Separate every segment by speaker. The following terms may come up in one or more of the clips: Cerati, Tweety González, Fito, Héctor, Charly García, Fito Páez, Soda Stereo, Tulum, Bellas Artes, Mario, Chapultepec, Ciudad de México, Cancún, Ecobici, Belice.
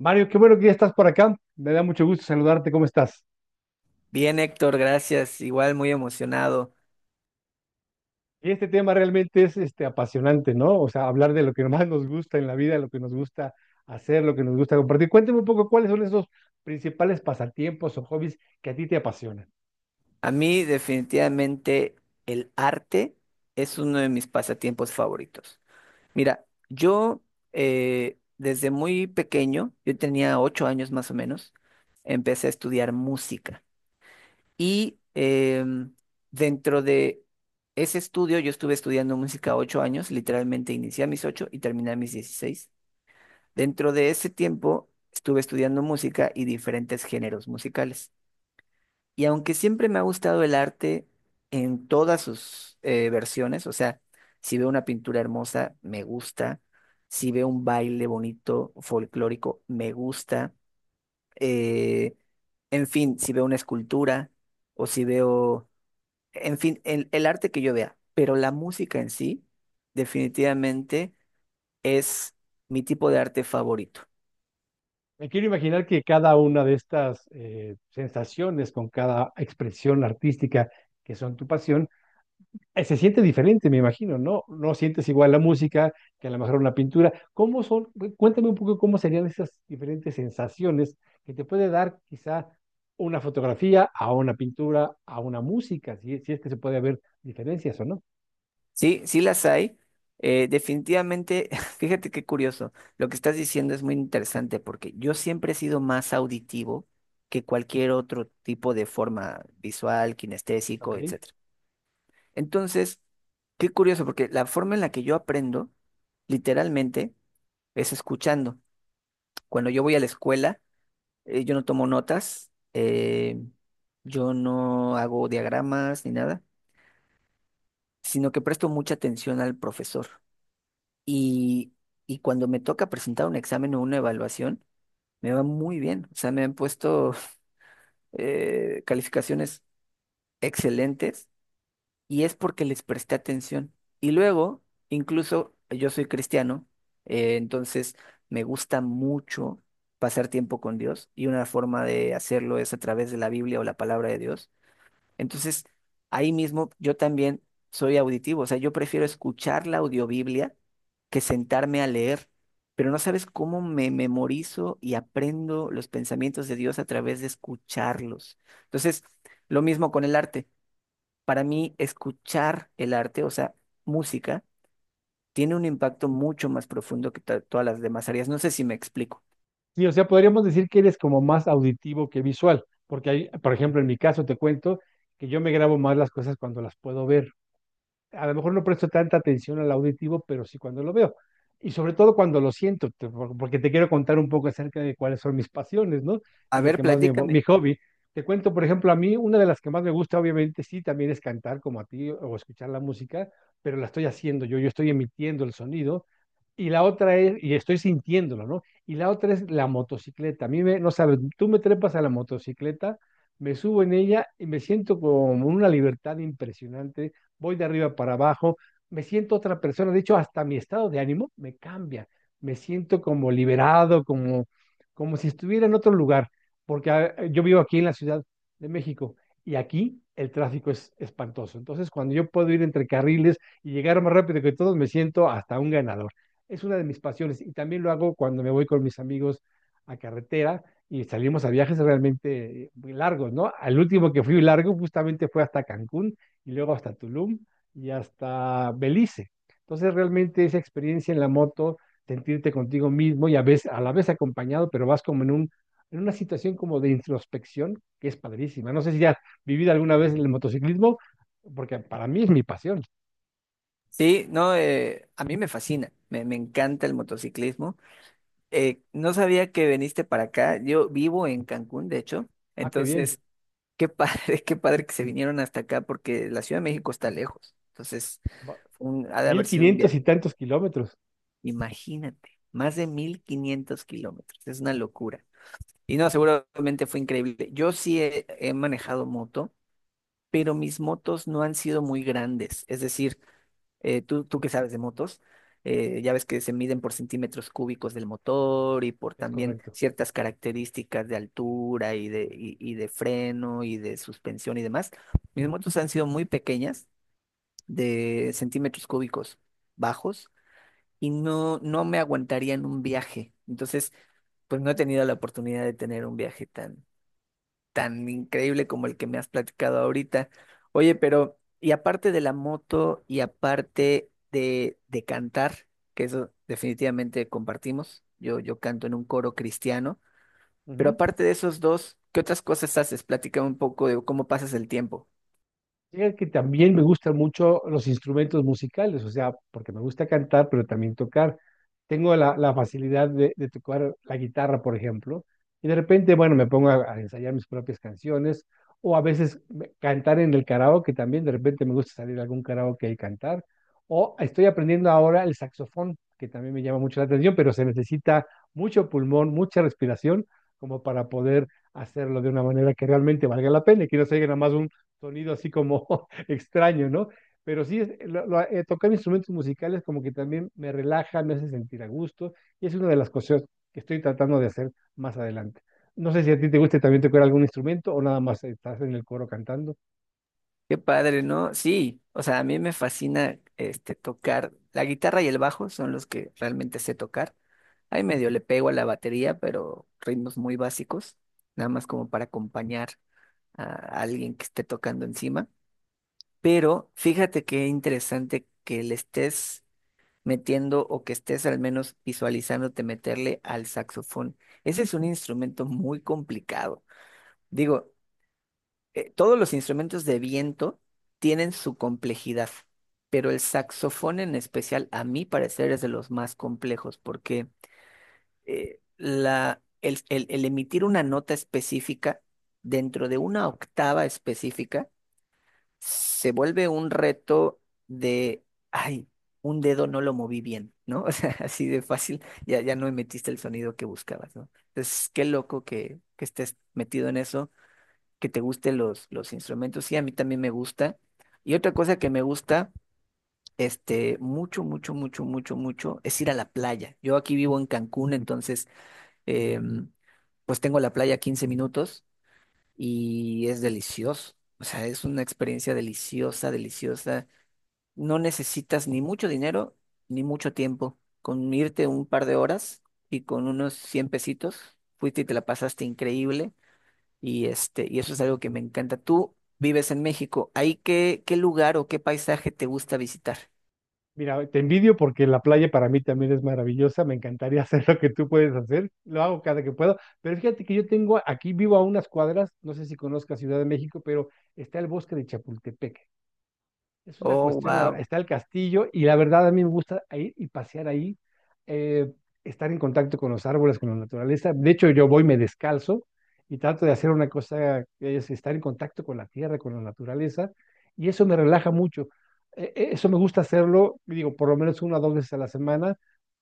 Speaker 1: Mario, qué bueno que ya estás por acá. Me da mucho gusto saludarte. ¿Cómo estás?
Speaker 2: Bien, Héctor, gracias. Igual muy emocionado.
Speaker 1: Y este tema realmente es este, apasionante, ¿no? O sea, hablar de lo que más nos gusta en la vida, lo que nos gusta hacer, lo que nos gusta compartir. Cuéntame un poco cuáles son esos principales pasatiempos o hobbies que a ti te apasionan.
Speaker 2: A mí definitivamente el arte es uno de mis pasatiempos favoritos. Mira, yo desde muy pequeño, yo tenía 8 años más o menos, empecé a estudiar música. Y dentro de ese estudio, yo estuve estudiando música 8 años, literalmente inicié a mis 8 y terminé a mis 16. Dentro de ese tiempo, estuve estudiando música y diferentes géneros musicales. Y aunque siempre me ha gustado el arte en todas sus versiones, o sea, si veo una pintura hermosa, me gusta, si veo un baile bonito, folclórico, me gusta, eh, en fin, si veo una escultura o si veo, en fin, el arte que yo vea, pero la música en sí definitivamente es mi tipo de arte favorito.
Speaker 1: Me quiero imaginar que cada una de estas sensaciones, con cada expresión artística que son tu pasión, se siente diferente, me imagino, ¿no? No sientes igual la música que a lo mejor una pintura. ¿Cómo son? Cuéntame un poco cómo serían esas diferentes sensaciones que te puede dar quizá una fotografía a una pintura, a una música, si, si es que se puede haber diferencias o no,
Speaker 2: Sí, sí las hay. Definitivamente, fíjate qué curioso. Lo que estás diciendo es muy interesante porque yo siempre he sido más auditivo que cualquier otro tipo de forma visual,
Speaker 1: ¿ok?
Speaker 2: kinestésico, etcétera. Entonces, qué curioso porque la forma en la que yo aprendo, literalmente, es escuchando. Cuando yo voy a la escuela, yo no tomo notas, yo no hago diagramas ni nada, sino que presto mucha atención al profesor. Y, y cuando me toca presentar un examen o una evaluación, me va muy bien. O sea, me han puesto calificaciones excelentes y es porque les presté atención. Y luego, incluso yo soy cristiano, entonces me gusta mucho pasar tiempo con Dios y una forma de hacerlo es a través de la Biblia o la palabra de Dios. Entonces, ahí mismo yo también soy auditivo, o sea, yo prefiero escuchar la audiobiblia que sentarme a leer, pero no sabes cómo me memorizo y aprendo los pensamientos de Dios a través de escucharlos. Entonces, lo mismo con el arte. Para mí, escuchar el arte, o sea, música, tiene un impacto mucho más profundo que todas las demás áreas. No sé si me explico.
Speaker 1: Sí, o sea, podríamos decir que eres como más auditivo que visual, porque hay, por ejemplo, en mi caso te cuento que yo me grabo más las cosas cuando las puedo ver. A lo mejor no presto tanta atención al auditivo, pero sí cuando lo veo. Y sobre todo cuando lo siento, porque te quiero contar un poco acerca de cuáles son mis pasiones, ¿no? Y
Speaker 2: A
Speaker 1: lo
Speaker 2: ver,
Speaker 1: que más mi
Speaker 2: platícame.
Speaker 1: hobby. Te cuento, por ejemplo, a mí una de las que más me gusta, obviamente, sí, también es cantar como a ti o escuchar la música, pero la estoy haciendo yo, estoy emitiendo el sonido. Y la otra es, y estoy sintiéndolo, ¿no? Y la otra es la motocicleta. A mí no sabes, tú me trepas a la motocicleta, me subo en ella y me siento con una libertad impresionante, voy de arriba para abajo, me siento otra persona, de hecho hasta mi estado de ánimo me cambia, me siento como liberado, como, como si estuviera en otro lugar, porque yo vivo aquí en la Ciudad de México y aquí el tráfico es espantoso. Entonces, cuando yo puedo ir entre carriles y llegar más rápido que todos, me siento hasta un ganador. Es una de mis pasiones y también lo hago cuando me voy con mis amigos a carretera y salimos a viajes realmente muy largos, ¿no? Al último que fui largo justamente fue hasta Cancún y luego hasta Tulum y hasta Belice. Entonces, realmente esa experiencia en la moto, sentirte contigo mismo y a veces, a la vez acompañado, pero vas como en un, en una situación como de introspección que es padrísima. No sé si has vivido alguna vez el motociclismo, porque para mí es mi pasión.
Speaker 2: Sí, no, a mí me fascina, me encanta el motociclismo. No sabía que veniste para acá. Yo vivo en Cancún, de hecho.
Speaker 1: Ah, qué bien.
Speaker 2: Entonces, qué padre, qué padre que se vinieron hasta acá porque la Ciudad de México está lejos. Entonces,
Speaker 1: Va-
Speaker 2: ha de
Speaker 1: Mil
Speaker 2: haber sido un
Speaker 1: quinientos y
Speaker 2: viaje.
Speaker 1: tantos kilómetros,
Speaker 2: Imagínate, más de 1.500 kilómetros. Es una locura. Y no, seguramente fue increíble. Yo sí he manejado moto, pero mis motos no han sido muy grandes. Es decir, tú que sabes de motos, ya ves que se miden por centímetros cúbicos del motor y por
Speaker 1: es
Speaker 2: también
Speaker 1: correcto.
Speaker 2: ciertas características de altura y de freno y de suspensión y demás. Mis motos han sido muy pequeñas, de centímetros cúbicos bajos, y no, no me aguantarían un viaje. Entonces, pues no he tenido la oportunidad de tener un viaje tan, tan increíble como el que me has platicado ahorita. Oye, pero, y aparte de la moto y aparte de cantar, que eso definitivamente compartimos, yo canto en un coro cristiano, pero
Speaker 1: Ujú.
Speaker 2: aparte de esos dos, ¿qué otras cosas haces? Platícame un poco de cómo pasas el tiempo.
Speaker 1: Fíjate que también me gustan mucho los instrumentos musicales, o sea, porque me gusta cantar, pero también tocar. Tengo la facilidad de tocar la guitarra, por ejemplo, y de repente, bueno, me pongo a ensayar mis propias canciones, o a veces cantar en el karaoke también, de repente me gusta salir a algún karaoke y cantar, o estoy aprendiendo ahora el saxofón, que también me llama mucho la atención, pero se necesita mucho pulmón, mucha respiración, como para poder hacerlo de una manera que realmente valga la pena y que no se oiga nada más sonido así como extraño, ¿no? Pero sí, tocar instrumentos musicales como que también me relaja, me hace sentir a gusto y es una de las cosas que estoy tratando de hacer más adelante. No sé si a ti te guste, también tocar algún instrumento o nada más estás en el coro cantando.
Speaker 2: Qué padre, ¿no? Sí, o sea, a mí me fascina tocar. La guitarra y el bajo son los que realmente sé tocar. Ahí medio le pego a la batería, pero ritmos muy básicos, nada más como para acompañar a alguien que esté tocando encima. Pero fíjate qué interesante que le estés metiendo o que estés al menos visualizándote meterle al saxofón. Ese es un instrumento muy complicado. Digo, todos los instrumentos de viento tienen su complejidad, pero el saxofón en especial, a mi parecer, es de los más complejos porque el emitir una nota específica dentro de una octava específica, se vuelve un reto de, ay, un dedo no lo moví bien, ¿no? O sea, así de fácil, ya, ya no metiste el sonido que buscabas, ¿no? Entonces, qué loco que, estés metido en eso, que te gusten los instrumentos, sí, a mí también me gusta. Y otra cosa que me gusta, mucho, mucho, mucho, mucho, mucho, es ir a la playa. Yo aquí vivo en Cancún, entonces, em, pues tengo la playa a 15 minutos y es delicioso. O sea, es una experiencia deliciosa, deliciosa. No necesitas ni mucho dinero ni mucho tiempo. Con irte un par de horas y con unos 100 pesitos, fuiste y te la pasaste increíble. Y eso es algo que me encanta. Tú vives en México. ¿Ahí qué lugar o qué paisaje te gusta visitar?
Speaker 1: Mira, te envidio porque la playa para mí también es maravillosa, me encantaría hacer lo que tú puedes hacer, lo hago cada que puedo, pero fíjate que yo tengo aquí, vivo a unas cuadras, no sé si conozcas Ciudad de México, pero está el bosque de Chapultepec. Es una
Speaker 2: Oh,
Speaker 1: cuestión,
Speaker 2: wow.
Speaker 1: está el castillo y la verdad a mí me gusta ir y pasear ahí, eh, estar en contacto con los árboles, con la naturaleza. De hecho, yo voy, me descalzo y trato de hacer una cosa que es estar en contacto con la tierra, con la naturaleza y eso me relaja mucho. Eso me gusta hacerlo, digo, por lo menos una o dos veces a la semana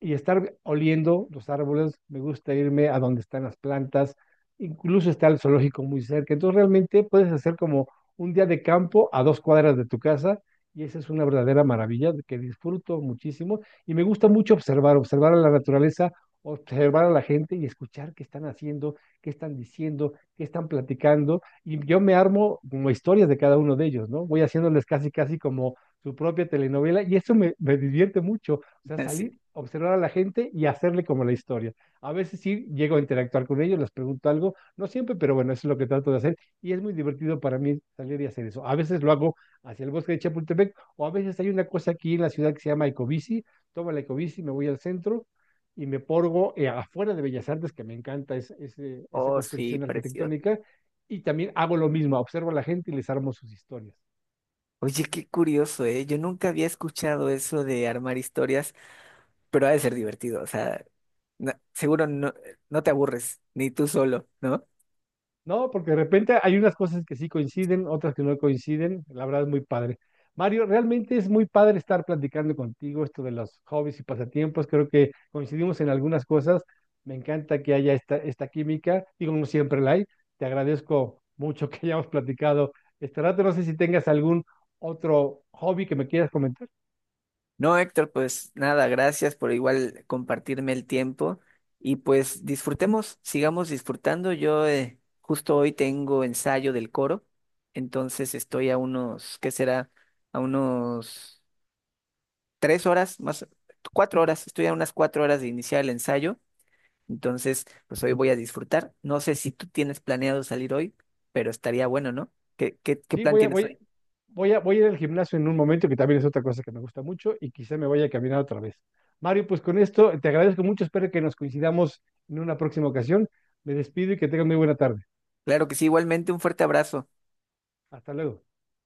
Speaker 1: y estar oliendo los árboles. Me gusta irme a donde están las plantas, incluso está el zoológico muy cerca. Entonces realmente puedes hacer como un día de campo a dos cuadras de tu casa y esa es una verdadera maravilla que disfruto muchísimo y me gusta mucho observar, observar a la naturaleza, observar a la gente y escuchar qué están haciendo, qué están diciendo, qué están platicando. Y yo me armo como historias de cada uno de ellos, ¿no? Voy haciéndoles casi, casi como su propia telenovela y eso me divierte mucho. O sea, salir,
Speaker 2: Sí.
Speaker 1: observar a la gente y hacerle como la historia. A veces sí llego a interactuar con ellos, les pregunto algo, no siempre, pero bueno, eso es lo que trato de hacer y es muy divertido para mí salir y hacer eso. A veces lo hago hacia el bosque de Chapultepec, o a veces hay una cosa aquí en la ciudad que se llama Ecobici, tomo la Ecobici, me voy al centro y me porgo afuera de Bellas Artes, que me encanta esa
Speaker 2: Oh, sí,
Speaker 1: construcción
Speaker 2: precioso.
Speaker 1: arquitectónica, y también hago lo mismo, observo a la gente y les armo sus historias.
Speaker 2: Oye, qué curioso, ¿eh? Yo nunca había escuchado eso de armar historias, pero ha de ser divertido. O sea, seguro no, no te aburres, ni tú solo, no
Speaker 1: No, porque de repente hay unas cosas que sí coinciden, otras que no coinciden. La verdad es muy padre. Mario, realmente es muy padre estar platicando contigo esto de los hobbies y pasatiempos. Creo que coincidimos en algunas cosas. Me encanta que haya esta química y como siempre la hay. Te agradezco mucho que hayamos platicado este rato. No sé si tengas algún otro hobby que me quieras comentar.
Speaker 2: No, Héctor, pues nada, gracias por igual compartirme el tiempo y pues disfrutemos, sigamos disfrutando. Yo justo hoy tengo ensayo del coro, entonces estoy a unos, ¿qué será? A unos 3 horas, más 4 horas, estoy a unas 4 horas de iniciar el ensayo, entonces pues hoy voy a disfrutar. No sé si tú tienes planeado salir hoy, pero estaría bueno, ¿no? ¿Qué
Speaker 1: Sí,
Speaker 2: plan tienes hoy?
Speaker 1: voy a, ir al gimnasio en un momento, que también es otra cosa que me gusta mucho, y quizá me vaya a caminar otra vez. Mario, pues con esto te agradezco mucho, espero que nos coincidamos en una próxima ocasión. Me despido y que tengan muy buena tarde.
Speaker 2: Claro que sí, igualmente un fuerte abrazo.
Speaker 1: Hasta luego.